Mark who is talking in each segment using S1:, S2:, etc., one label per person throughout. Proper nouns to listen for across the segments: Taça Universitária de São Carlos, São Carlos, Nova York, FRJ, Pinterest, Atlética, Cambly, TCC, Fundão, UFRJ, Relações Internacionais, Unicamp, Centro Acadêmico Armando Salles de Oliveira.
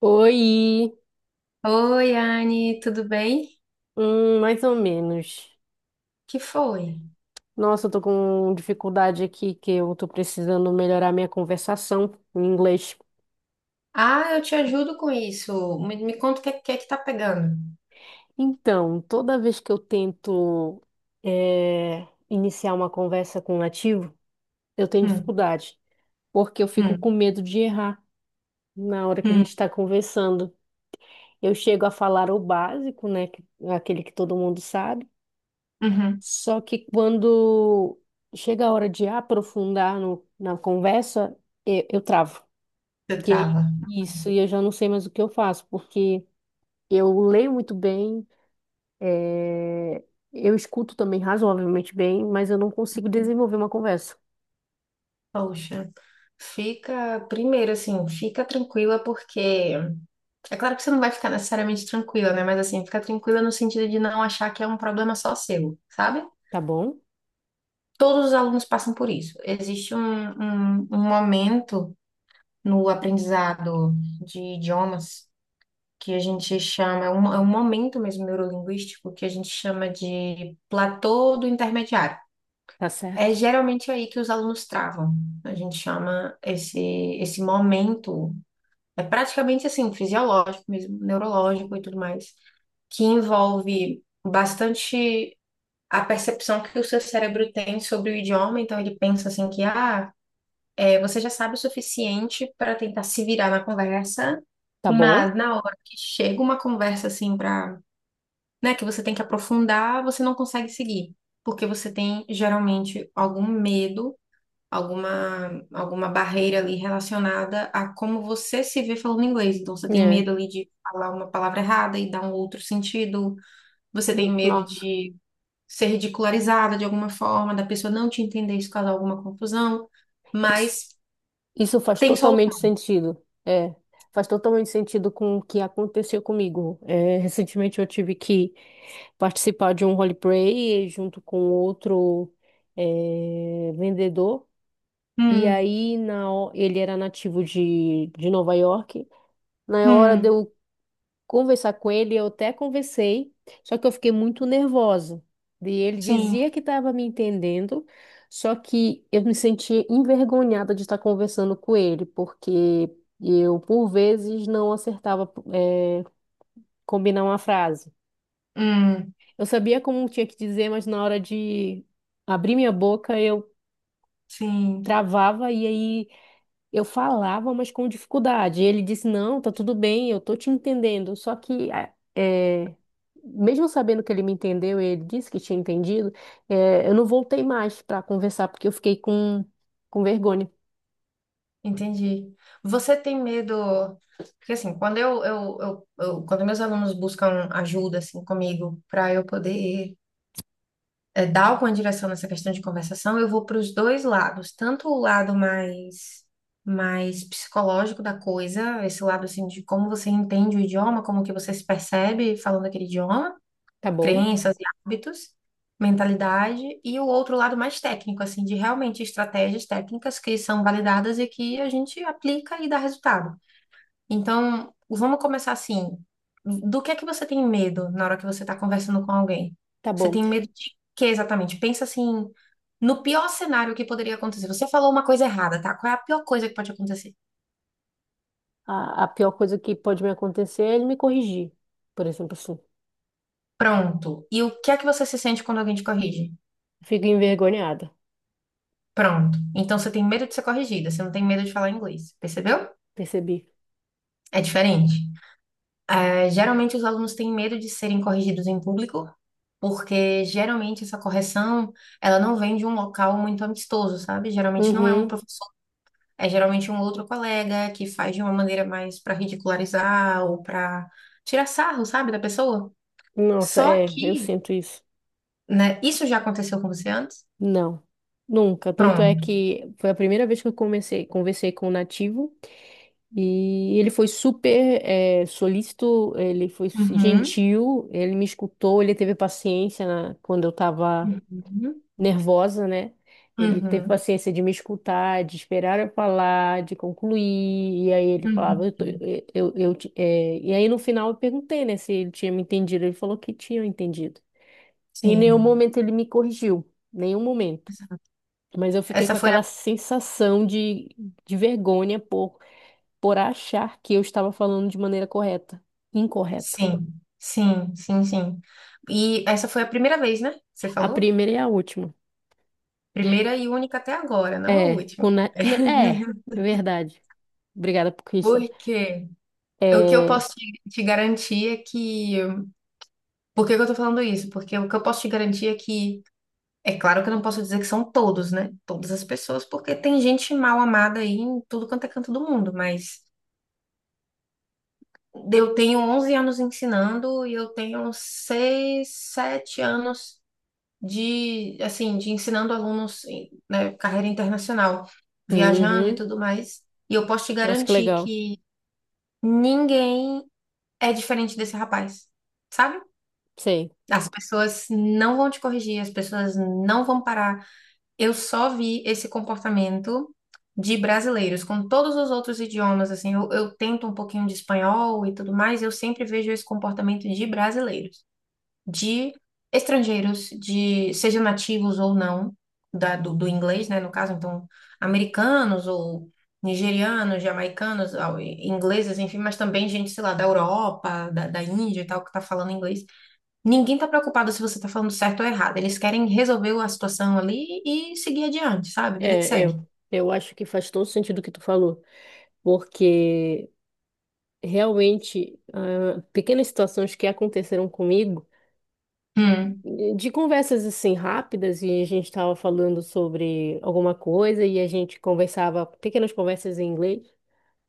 S1: Oi,
S2: Oi, Anne, tudo bem?
S1: mais ou menos.
S2: Que foi?
S1: Nossa, eu tô com dificuldade aqui que eu tô precisando melhorar minha conversação em inglês.
S2: Ah, eu te ajudo com isso. Me conta o que, é que tá pegando.
S1: Então, toda vez que eu tento iniciar uma conversa com um nativo, eu tenho
S2: Hum.
S1: dificuldade, porque eu fico com
S2: Hum.
S1: medo de errar na hora que a
S2: Hum.
S1: gente está conversando. Eu chego a falar o básico, né, aquele que todo mundo sabe.
S2: Uhum.
S1: Só que quando chega a hora de aprofundar na conversa, eu travo.
S2: Você
S1: E aí,
S2: trava.
S1: isso, e eu já não sei mais o que eu faço, porque eu leio muito bem, eh, eu escuto também razoavelmente bem, mas eu não consigo desenvolver uma conversa.
S2: Poxa, fica, primeiro assim, fica tranquila porque é claro que você não vai ficar necessariamente tranquila, né? Mas assim, fica tranquila no sentido de não achar que é um problema só seu, sabe?
S1: Tá bom?
S2: Todos os alunos passam por isso. Existe um momento no aprendizado de idiomas que a gente chama, é um momento mesmo neurolinguístico que a gente chama de platô do intermediário.
S1: Tá
S2: É
S1: certo?
S2: geralmente aí que os alunos travam. A gente chama esse momento, é praticamente assim, fisiológico mesmo, neurológico e tudo mais, que envolve bastante a percepção que o seu cérebro tem sobre o idioma. Então, ele pensa assim que, ah, é, você já sabe o suficiente para tentar se virar na conversa,
S1: Tá bom?
S2: mas na hora que chega uma conversa assim para né, que você tem que aprofundar, você não consegue seguir, porque você tem geralmente algum medo, alguma barreira ali relacionada a como você se vê falando inglês. Então você tem
S1: É.
S2: medo ali de falar uma palavra errada e dar um outro sentido, você tem medo
S1: Nossa,
S2: de ser ridicularizada de alguma forma, da pessoa não te entender, isso causar alguma confusão,
S1: isso,
S2: mas
S1: isso faz
S2: tem
S1: totalmente
S2: solução.
S1: sentido. É, faz totalmente sentido com o que aconteceu comigo. É, recentemente eu tive que participar de um roleplay junto com outro vendedor. E
S2: Hum.
S1: aí ele era nativo de Nova York. Na hora de
S2: Hum.
S1: eu conversar com ele, eu até conversei, só que eu fiquei muito nervosa. E ele
S2: Sim.
S1: dizia que estava me entendendo, só que eu me sentia envergonhada de estar conversando com ele, porque eu, por vezes, não acertava, combinar uma frase.
S2: Hum.
S1: Eu sabia como tinha que dizer, mas na hora de abrir minha boca eu
S2: Sim.
S1: travava e aí eu falava, mas com dificuldade. E ele disse: Não, tá tudo bem, eu tô te entendendo. Só que, mesmo sabendo que ele me entendeu e ele disse que tinha entendido, eu não voltei mais para conversar porque eu fiquei com vergonha.
S2: Entendi. Você tem medo? Porque assim, quando eu- quando meus alunos buscam ajuda assim comigo para eu poder dar alguma direção nessa questão de conversação, eu vou para os dois lados, tanto o lado mais psicológico da coisa, esse lado assim de como você entende o idioma, como que você se percebe falando aquele idioma,
S1: Tá bom?
S2: crenças e hábitos, mentalidade, e o outro lado mais técnico, assim, de realmente estratégias técnicas que são validadas e que a gente aplica e dá resultado. Então, vamos começar assim. Do que é que você tem medo na hora que você está conversando com alguém?
S1: Tá
S2: Você
S1: bom.
S2: tem medo de quê exatamente? Pensa assim, no pior cenário que poderia acontecer. Você falou uma coisa errada, tá? Qual é a pior coisa que pode acontecer?
S1: A pior coisa que pode me acontecer é ele me corrigir, por exemplo, assim.
S2: Pronto. E o que é que você se sente quando alguém te corrige?
S1: Fico envergonhada,
S2: Pronto. Então você tem medo de ser corrigida, você não tem medo de falar inglês, percebeu?
S1: percebi.
S2: É diferente. É, geralmente os alunos têm medo de serem corrigidos em público, porque geralmente essa correção, ela não vem de um local muito amistoso, sabe? Geralmente não é um
S1: Uhum.
S2: professor, é geralmente um outro colega que faz de uma maneira mais para ridicularizar ou para tirar sarro, sabe, da pessoa.
S1: Nossa,
S2: Só
S1: é, eu
S2: que,
S1: sinto isso.
S2: né, isso já aconteceu com você antes?
S1: Não, nunca. Tanto é
S2: Pronto.
S1: que foi a primeira vez que eu comecei, conversei com o nativo e ele foi super solícito, ele foi
S2: Uhum.
S1: gentil, ele me escutou, ele teve paciência quando eu estava
S2: Uhum.
S1: nervosa, né? Ele teve
S2: Uhum.
S1: paciência de me escutar, de esperar eu falar, de concluir, e aí ele falava,
S2: Uhum.
S1: eu, tô-
S2: Uhum.
S1: eu te- é, e aí no final eu perguntei, né, se ele tinha me entendido, ele falou que tinha entendido. Em nenhum
S2: Sim.
S1: momento ele me corrigiu, nenhum momento.
S2: Essa
S1: Mas eu fiquei
S2: essa
S1: com
S2: foi a
S1: aquela sensação de vergonha por achar que eu estava falando de maneira correta, incorreta.
S2: Sim, sim, sim, sim. E essa foi a primeira vez, né? Você
S1: A
S2: falou?
S1: primeira e a última.
S2: Primeira e única até agora, não a
S1: É,
S2: última.
S1: verdade. Obrigada por isso.
S2: Porque o que eu
S1: É,
S2: posso te, te garantir é que. Por que que eu tô falando isso? Porque o que eu posso te garantir é que, é claro que eu não posso dizer que são todos, né? Todas as pessoas, porque tem gente mal amada aí em tudo quanto é canto do mundo, mas eu tenho 11 anos ensinando e eu tenho 6, 7 anos de assim de ensinando alunos em, né, carreira internacional, viajando e
S1: uhum.
S2: tudo mais. E eu posso te
S1: Nossa, que
S2: garantir
S1: legal.
S2: que ninguém é diferente desse rapaz, sabe?
S1: Sei.
S2: As pessoas não vão te corrigir, as pessoas não vão parar. Eu só vi esse comportamento de brasileiros com todos os outros idiomas, assim, eu tento um pouquinho de espanhol e tudo mais, eu sempre vejo esse comportamento de brasileiros de estrangeiros, de sejam nativos ou não do inglês, né? No caso, então, americanos ou nigerianos, jamaicanos, ah, e- ingleses, enfim, mas também gente, sei lá, da Europa, da Índia e tal, que tá falando inglês. Ninguém tá preocupado se você tá falando certo ou errado. Eles querem resolver a situação ali e seguir adiante, sabe? Vida que
S1: É,
S2: segue.
S1: eu acho que faz todo sentido o que tu falou, porque realmente, ah, pequenas situações que aconteceram comigo
S2: Hum.
S1: de conversas assim rápidas, e a gente estava falando sobre alguma coisa, e a gente conversava, pequenas conversas em inglês,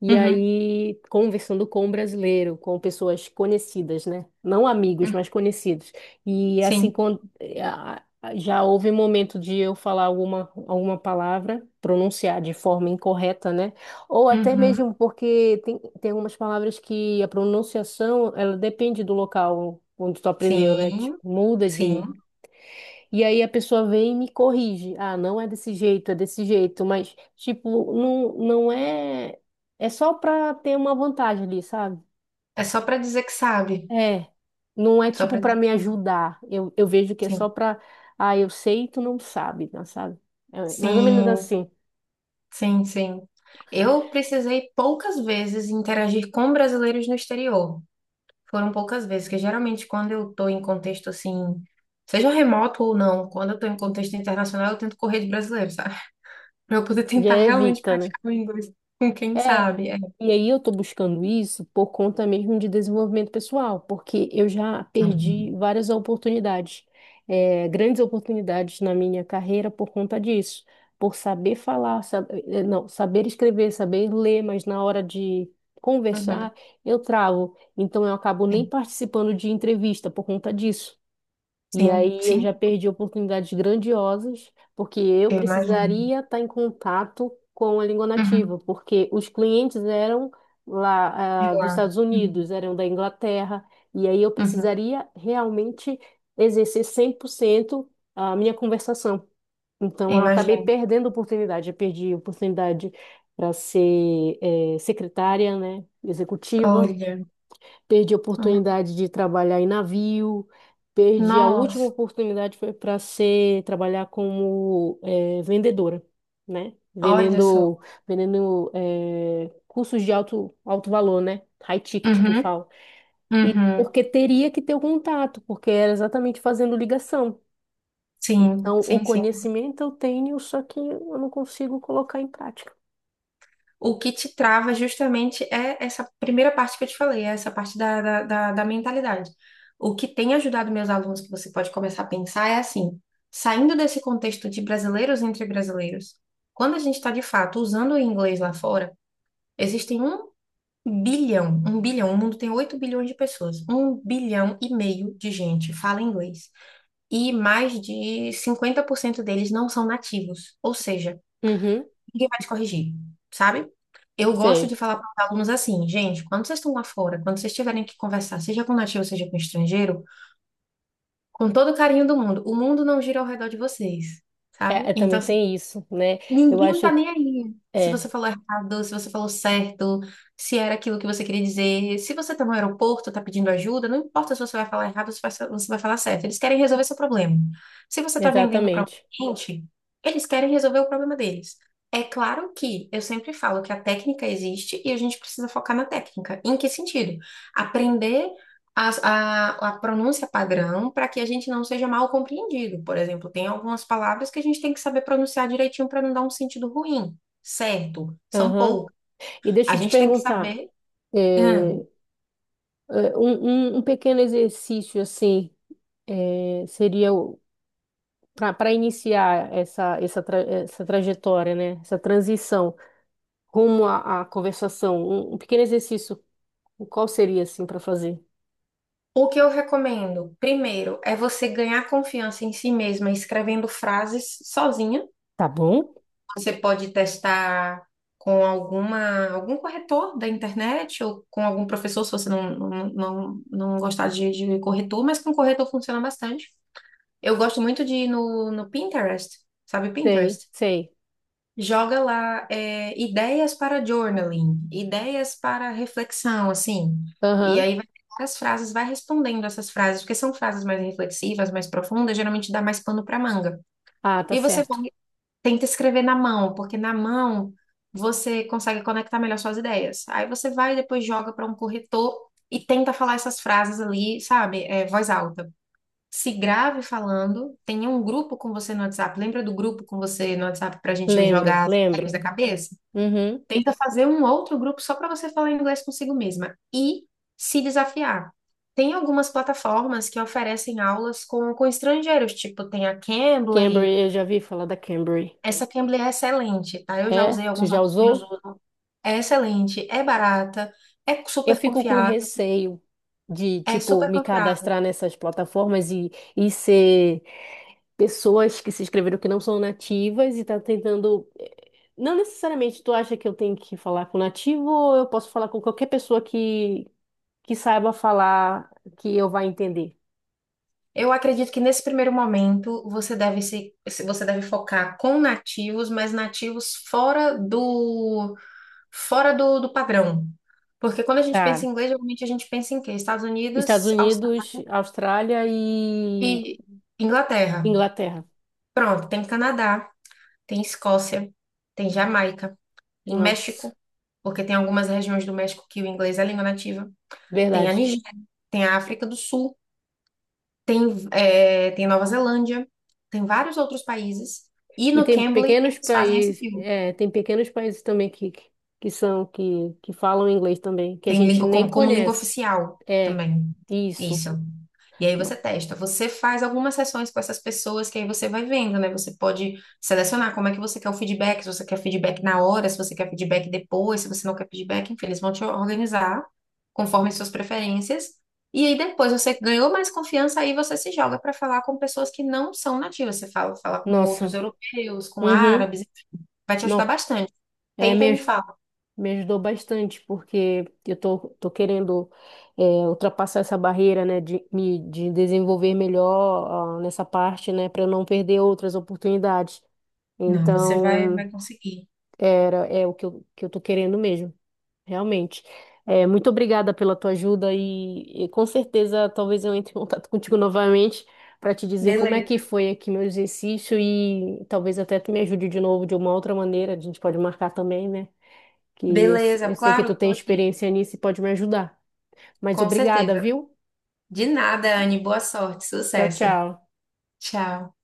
S1: e
S2: Uhum.
S1: aí conversando com um brasileiro, com pessoas conhecidas, né? Não amigos,
S2: Uhum.
S1: mas conhecidos. E assim,
S2: Sim.
S1: quando, já houve momento de eu falar alguma palavra, pronunciar de forma incorreta, né? Ou até
S2: Uhum.
S1: mesmo porque tem algumas palavras que a pronunciação, ela depende do local onde tu aprendeu, né?
S2: Sim,
S1: Tipo, muda de,
S2: sim.
S1: e aí a pessoa vem e me corrige. Ah, não é desse jeito, é desse jeito, mas tipo, não, não é. É só para ter uma vantagem ali, sabe?
S2: É só pra dizer que sabe.
S1: É. Não é
S2: Só
S1: tipo
S2: pra
S1: para
S2: dizer
S1: me
S2: que
S1: ajudar. Eu vejo que é só
S2: sim.
S1: para. Ah, eu sei e tu não sabe, não sabe? É mais ou menos
S2: Sim.
S1: assim.
S2: Sim, sim. Eu precisei poucas vezes interagir com brasileiros no exterior. Foram poucas vezes, porque geralmente quando eu estou em contexto assim, seja remoto ou não, quando eu estou em contexto internacional, eu tento correr de brasileiro, sabe? Para eu poder tentar
S1: Já
S2: realmente
S1: evita, né?
S2: praticar o inglês com quem
S1: É,
S2: sabe. É.
S1: e aí eu tô buscando isso por conta mesmo de desenvolvimento pessoal, porque eu já perdi
S2: Uhum.
S1: várias oportunidades, grandes oportunidades na minha carreira por conta disso, por saber falar, não, saber escrever, saber ler, mas na hora de
S2: Uhum.
S1: conversar eu travo, então eu acabo nem
S2: Sim,
S1: participando de entrevista por conta disso. E
S2: sim,
S1: aí eu já
S2: sim,
S1: perdi oportunidades grandiosas, porque eu
S2: eu imagino.
S1: precisaria estar em contato com a língua
S2: Uhum.
S1: nativa, porque os clientes eram
S2: De
S1: lá, ah, dos
S2: lá.
S1: Estados
S2: Uhum.
S1: Unidos, eram da Inglaterra, e aí eu
S2: Uhum.
S1: precisaria realmente exercer 100% a minha conversação.
S2: Eu
S1: Então eu acabei
S2: imagino.
S1: perdendo oportunidade, eu perdi oportunidade para ser, secretária, né, executiva.
S2: Olha.
S1: Perdi a oportunidade de trabalhar em navio, perdi a última
S2: Nossa,
S1: oportunidade foi para ser trabalhar como vendedora, né?
S2: olha só.
S1: Vendendo cursos de alto, alto valor, né? High ticket que
S2: Uhum.
S1: fala. E
S2: Uhum.
S1: porque teria que ter o contato, porque era exatamente fazendo ligação.
S2: Sim,
S1: Então, o
S2: sim, sim.
S1: conhecimento eu tenho, só que eu não consigo colocar em prática.
S2: O que te trava justamente é essa primeira parte que eu te falei, é essa parte da mentalidade. O que tem ajudado meus alunos, que você pode começar a pensar, é assim: saindo desse contexto de brasileiros entre brasileiros, quando a gente está de fato usando o inglês lá fora, existem um bilhão, o mundo tem 8 bilhões de pessoas, 1,5 bilhão de gente fala inglês. E mais de 50% deles não são nativos, ou seja,
S1: Uhum,
S2: ninguém vai te corrigir, sabe? Eu gosto
S1: sei.
S2: de falar para os alunos assim, gente, quando vocês estão lá fora, quando vocês tiverem que conversar, seja com nativo, seja com estrangeiro, com todo o carinho do mundo, o mundo não gira ao redor de vocês,
S1: É,
S2: sabe?
S1: é,
S2: Então,
S1: também
S2: assim,
S1: tem isso, né? Eu
S2: ninguém tá
S1: acho que
S2: nem aí. Se você
S1: é,
S2: falou errado, se você falou certo, se era aquilo que você queria dizer, se você tá no aeroporto, tá pedindo ajuda, não importa se você vai falar errado ou se vai- você vai falar certo. Eles querem resolver seu problema. Se você tá vendendo para um
S1: exatamente.
S2: cliente, eles querem resolver o problema deles. É claro que eu sempre falo que a técnica existe e a gente precisa focar na técnica. Em que sentido? Aprender a, a pronúncia padrão para que a gente não seja mal compreendido. Por exemplo, tem algumas palavras que a gente tem que saber pronunciar direitinho para não dar um sentido ruim, certo? São
S1: Aham.
S2: poucas.
S1: E
S2: A
S1: deixa eu te
S2: gente tem que
S1: perguntar,
S2: saber. Hum.
S1: é, um pequeno exercício assim seria para iniciar essa trajetória, né? Essa transição rumo à conversação. Um pequeno exercício, qual seria assim para fazer?
S2: O que eu recomendo, primeiro, é você ganhar confiança em si mesma escrevendo frases sozinha.
S1: Tá bom?
S2: Você pode testar com alguma, algum corretor da internet ou com algum professor, se você não gostar de corretor, mas com corretor funciona bastante. Eu gosto muito de ir no Pinterest, sabe
S1: Sei,
S2: Pinterest?
S1: sei.
S2: Joga lá é, ideias para journaling, ideias para reflexão, assim. E
S1: Aham.
S2: aí vai ter várias frases, vai respondendo essas frases, porque são frases mais reflexivas, mais profundas, geralmente dá mais pano para manga.
S1: Ah, tá
S2: E você vai,
S1: certo.
S2: tenta escrever na mão, porque na mão você consegue conectar melhor suas ideias. Aí você vai e depois joga para um corretor e tenta falar essas frases ali, sabe? É, voz alta se grave falando, tenha um grupo com você no WhatsApp. Lembra do grupo com você no WhatsApp para a gente
S1: Lembro,
S2: jogar as ideias
S1: lembro.
S2: da cabeça?
S1: Uhum.
S2: Tenta fazer um outro grupo só para você falar inglês consigo mesma e se desafiar. Tem algumas plataformas que oferecem aulas com estrangeiros, tipo tem a Cambly.
S1: Cambly, eu já vi falar da Cambly.
S2: Essa Cambly é excelente, tá? Eu já
S1: É?
S2: usei
S1: Tu
S2: alguns
S1: já
S2: amigos meus
S1: usou?
S2: usam. É excelente, é barata, é
S1: Eu
S2: super
S1: fico com
S2: confiável,
S1: receio de,
S2: é
S1: tipo,
S2: super
S1: me
S2: confiável.
S1: cadastrar nessas plataformas e ser pessoas que se inscreveram que não são nativas e tá tentando. Não necessariamente tu acha que eu tenho que falar com nativo ou eu posso falar com qualquer pessoa que saiba falar que eu vá entender.
S2: Eu acredito que nesse primeiro momento você deve você deve focar com nativos, mas nativos fora do padrão. Porque quando a gente pensa em
S1: Tá.
S2: inglês, geralmente a gente pensa em quê? Estados
S1: Estados
S2: Unidos, Austrália
S1: Unidos, Austrália e
S2: e Inglaterra.
S1: Inglaterra.
S2: Pronto, tem Canadá, tem Escócia, tem Jamaica, tem
S1: Nossa,
S2: México, porque tem algumas regiões do México que o inglês é a língua nativa. Tem a
S1: verdade.
S2: Nigéria, tem a África do Sul. Tem, é, tem Nova Zelândia, tem vários outros países. E
S1: E
S2: no
S1: tem
S2: Cambly,
S1: pequenos
S2: eles fazem esse
S1: países,
S2: filme.
S1: tem pequenos países também que falam inglês também, que a
S2: Tem
S1: gente
S2: língua
S1: nem
S2: como língua
S1: conhece.
S2: oficial
S1: É,
S2: também.
S1: isso.
S2: Isso. E aí
S1: No-
S2: você testa. Você faz algumas sessões com essas pessoas que aí você vai vendo, né? Você pode selecionar como é que você quer o feedback, se você quer feedback na hora, se você quer feedback depois, se você não quer feedback, enfim, eles vão te organizar conforme suas preferências. E aí depois você ganhou mais confiança, aí você se joga para falar com pessoas que não são nativas. Você fala, fala com outros
S1: Nossa.
S2: europeus, com
S1: Uhum.
S2: árabes, vai te ajudar
S1: Nossa.
S2: bastante.
S1: É,
S2: Tenta e me fala.
S1: me ajudou bastante, porque eu tô querendo é, ultrapassar essa barreira, né, de me de desenvolver melhor ah, nessa parte, né, para eu não perder outras oportunidades.
S2: Não, você vai,
S1: Então,
S2: vai conseguir.
S1: é o que eu tô querendo mesmo. Realmente. É, muito obrigada pela tua ajuda e com certeza talvez eu entre em contato contigo novamente para te dizer como é que
S2: Beleza.
S1: foi aqui meu exercício e talvez até tu me ajude de novo de uma outra maneira. A gente pode marcar também, né? Que eu,
S2: Beleza,
S1: eu sei que
S2: claro,
S1: tu
S2: eu tô
S1: tem
S2: aqui.
S1: experiência nisso e pode me ajudar. Mas
S2: Com
S1: obrigada,
S2: certeza.
S1: viu?
S2: De nada, Anne. Boa sorte,
S1: Tchau,
S2: sucesso.
S1: tchau.
S2: Tchau.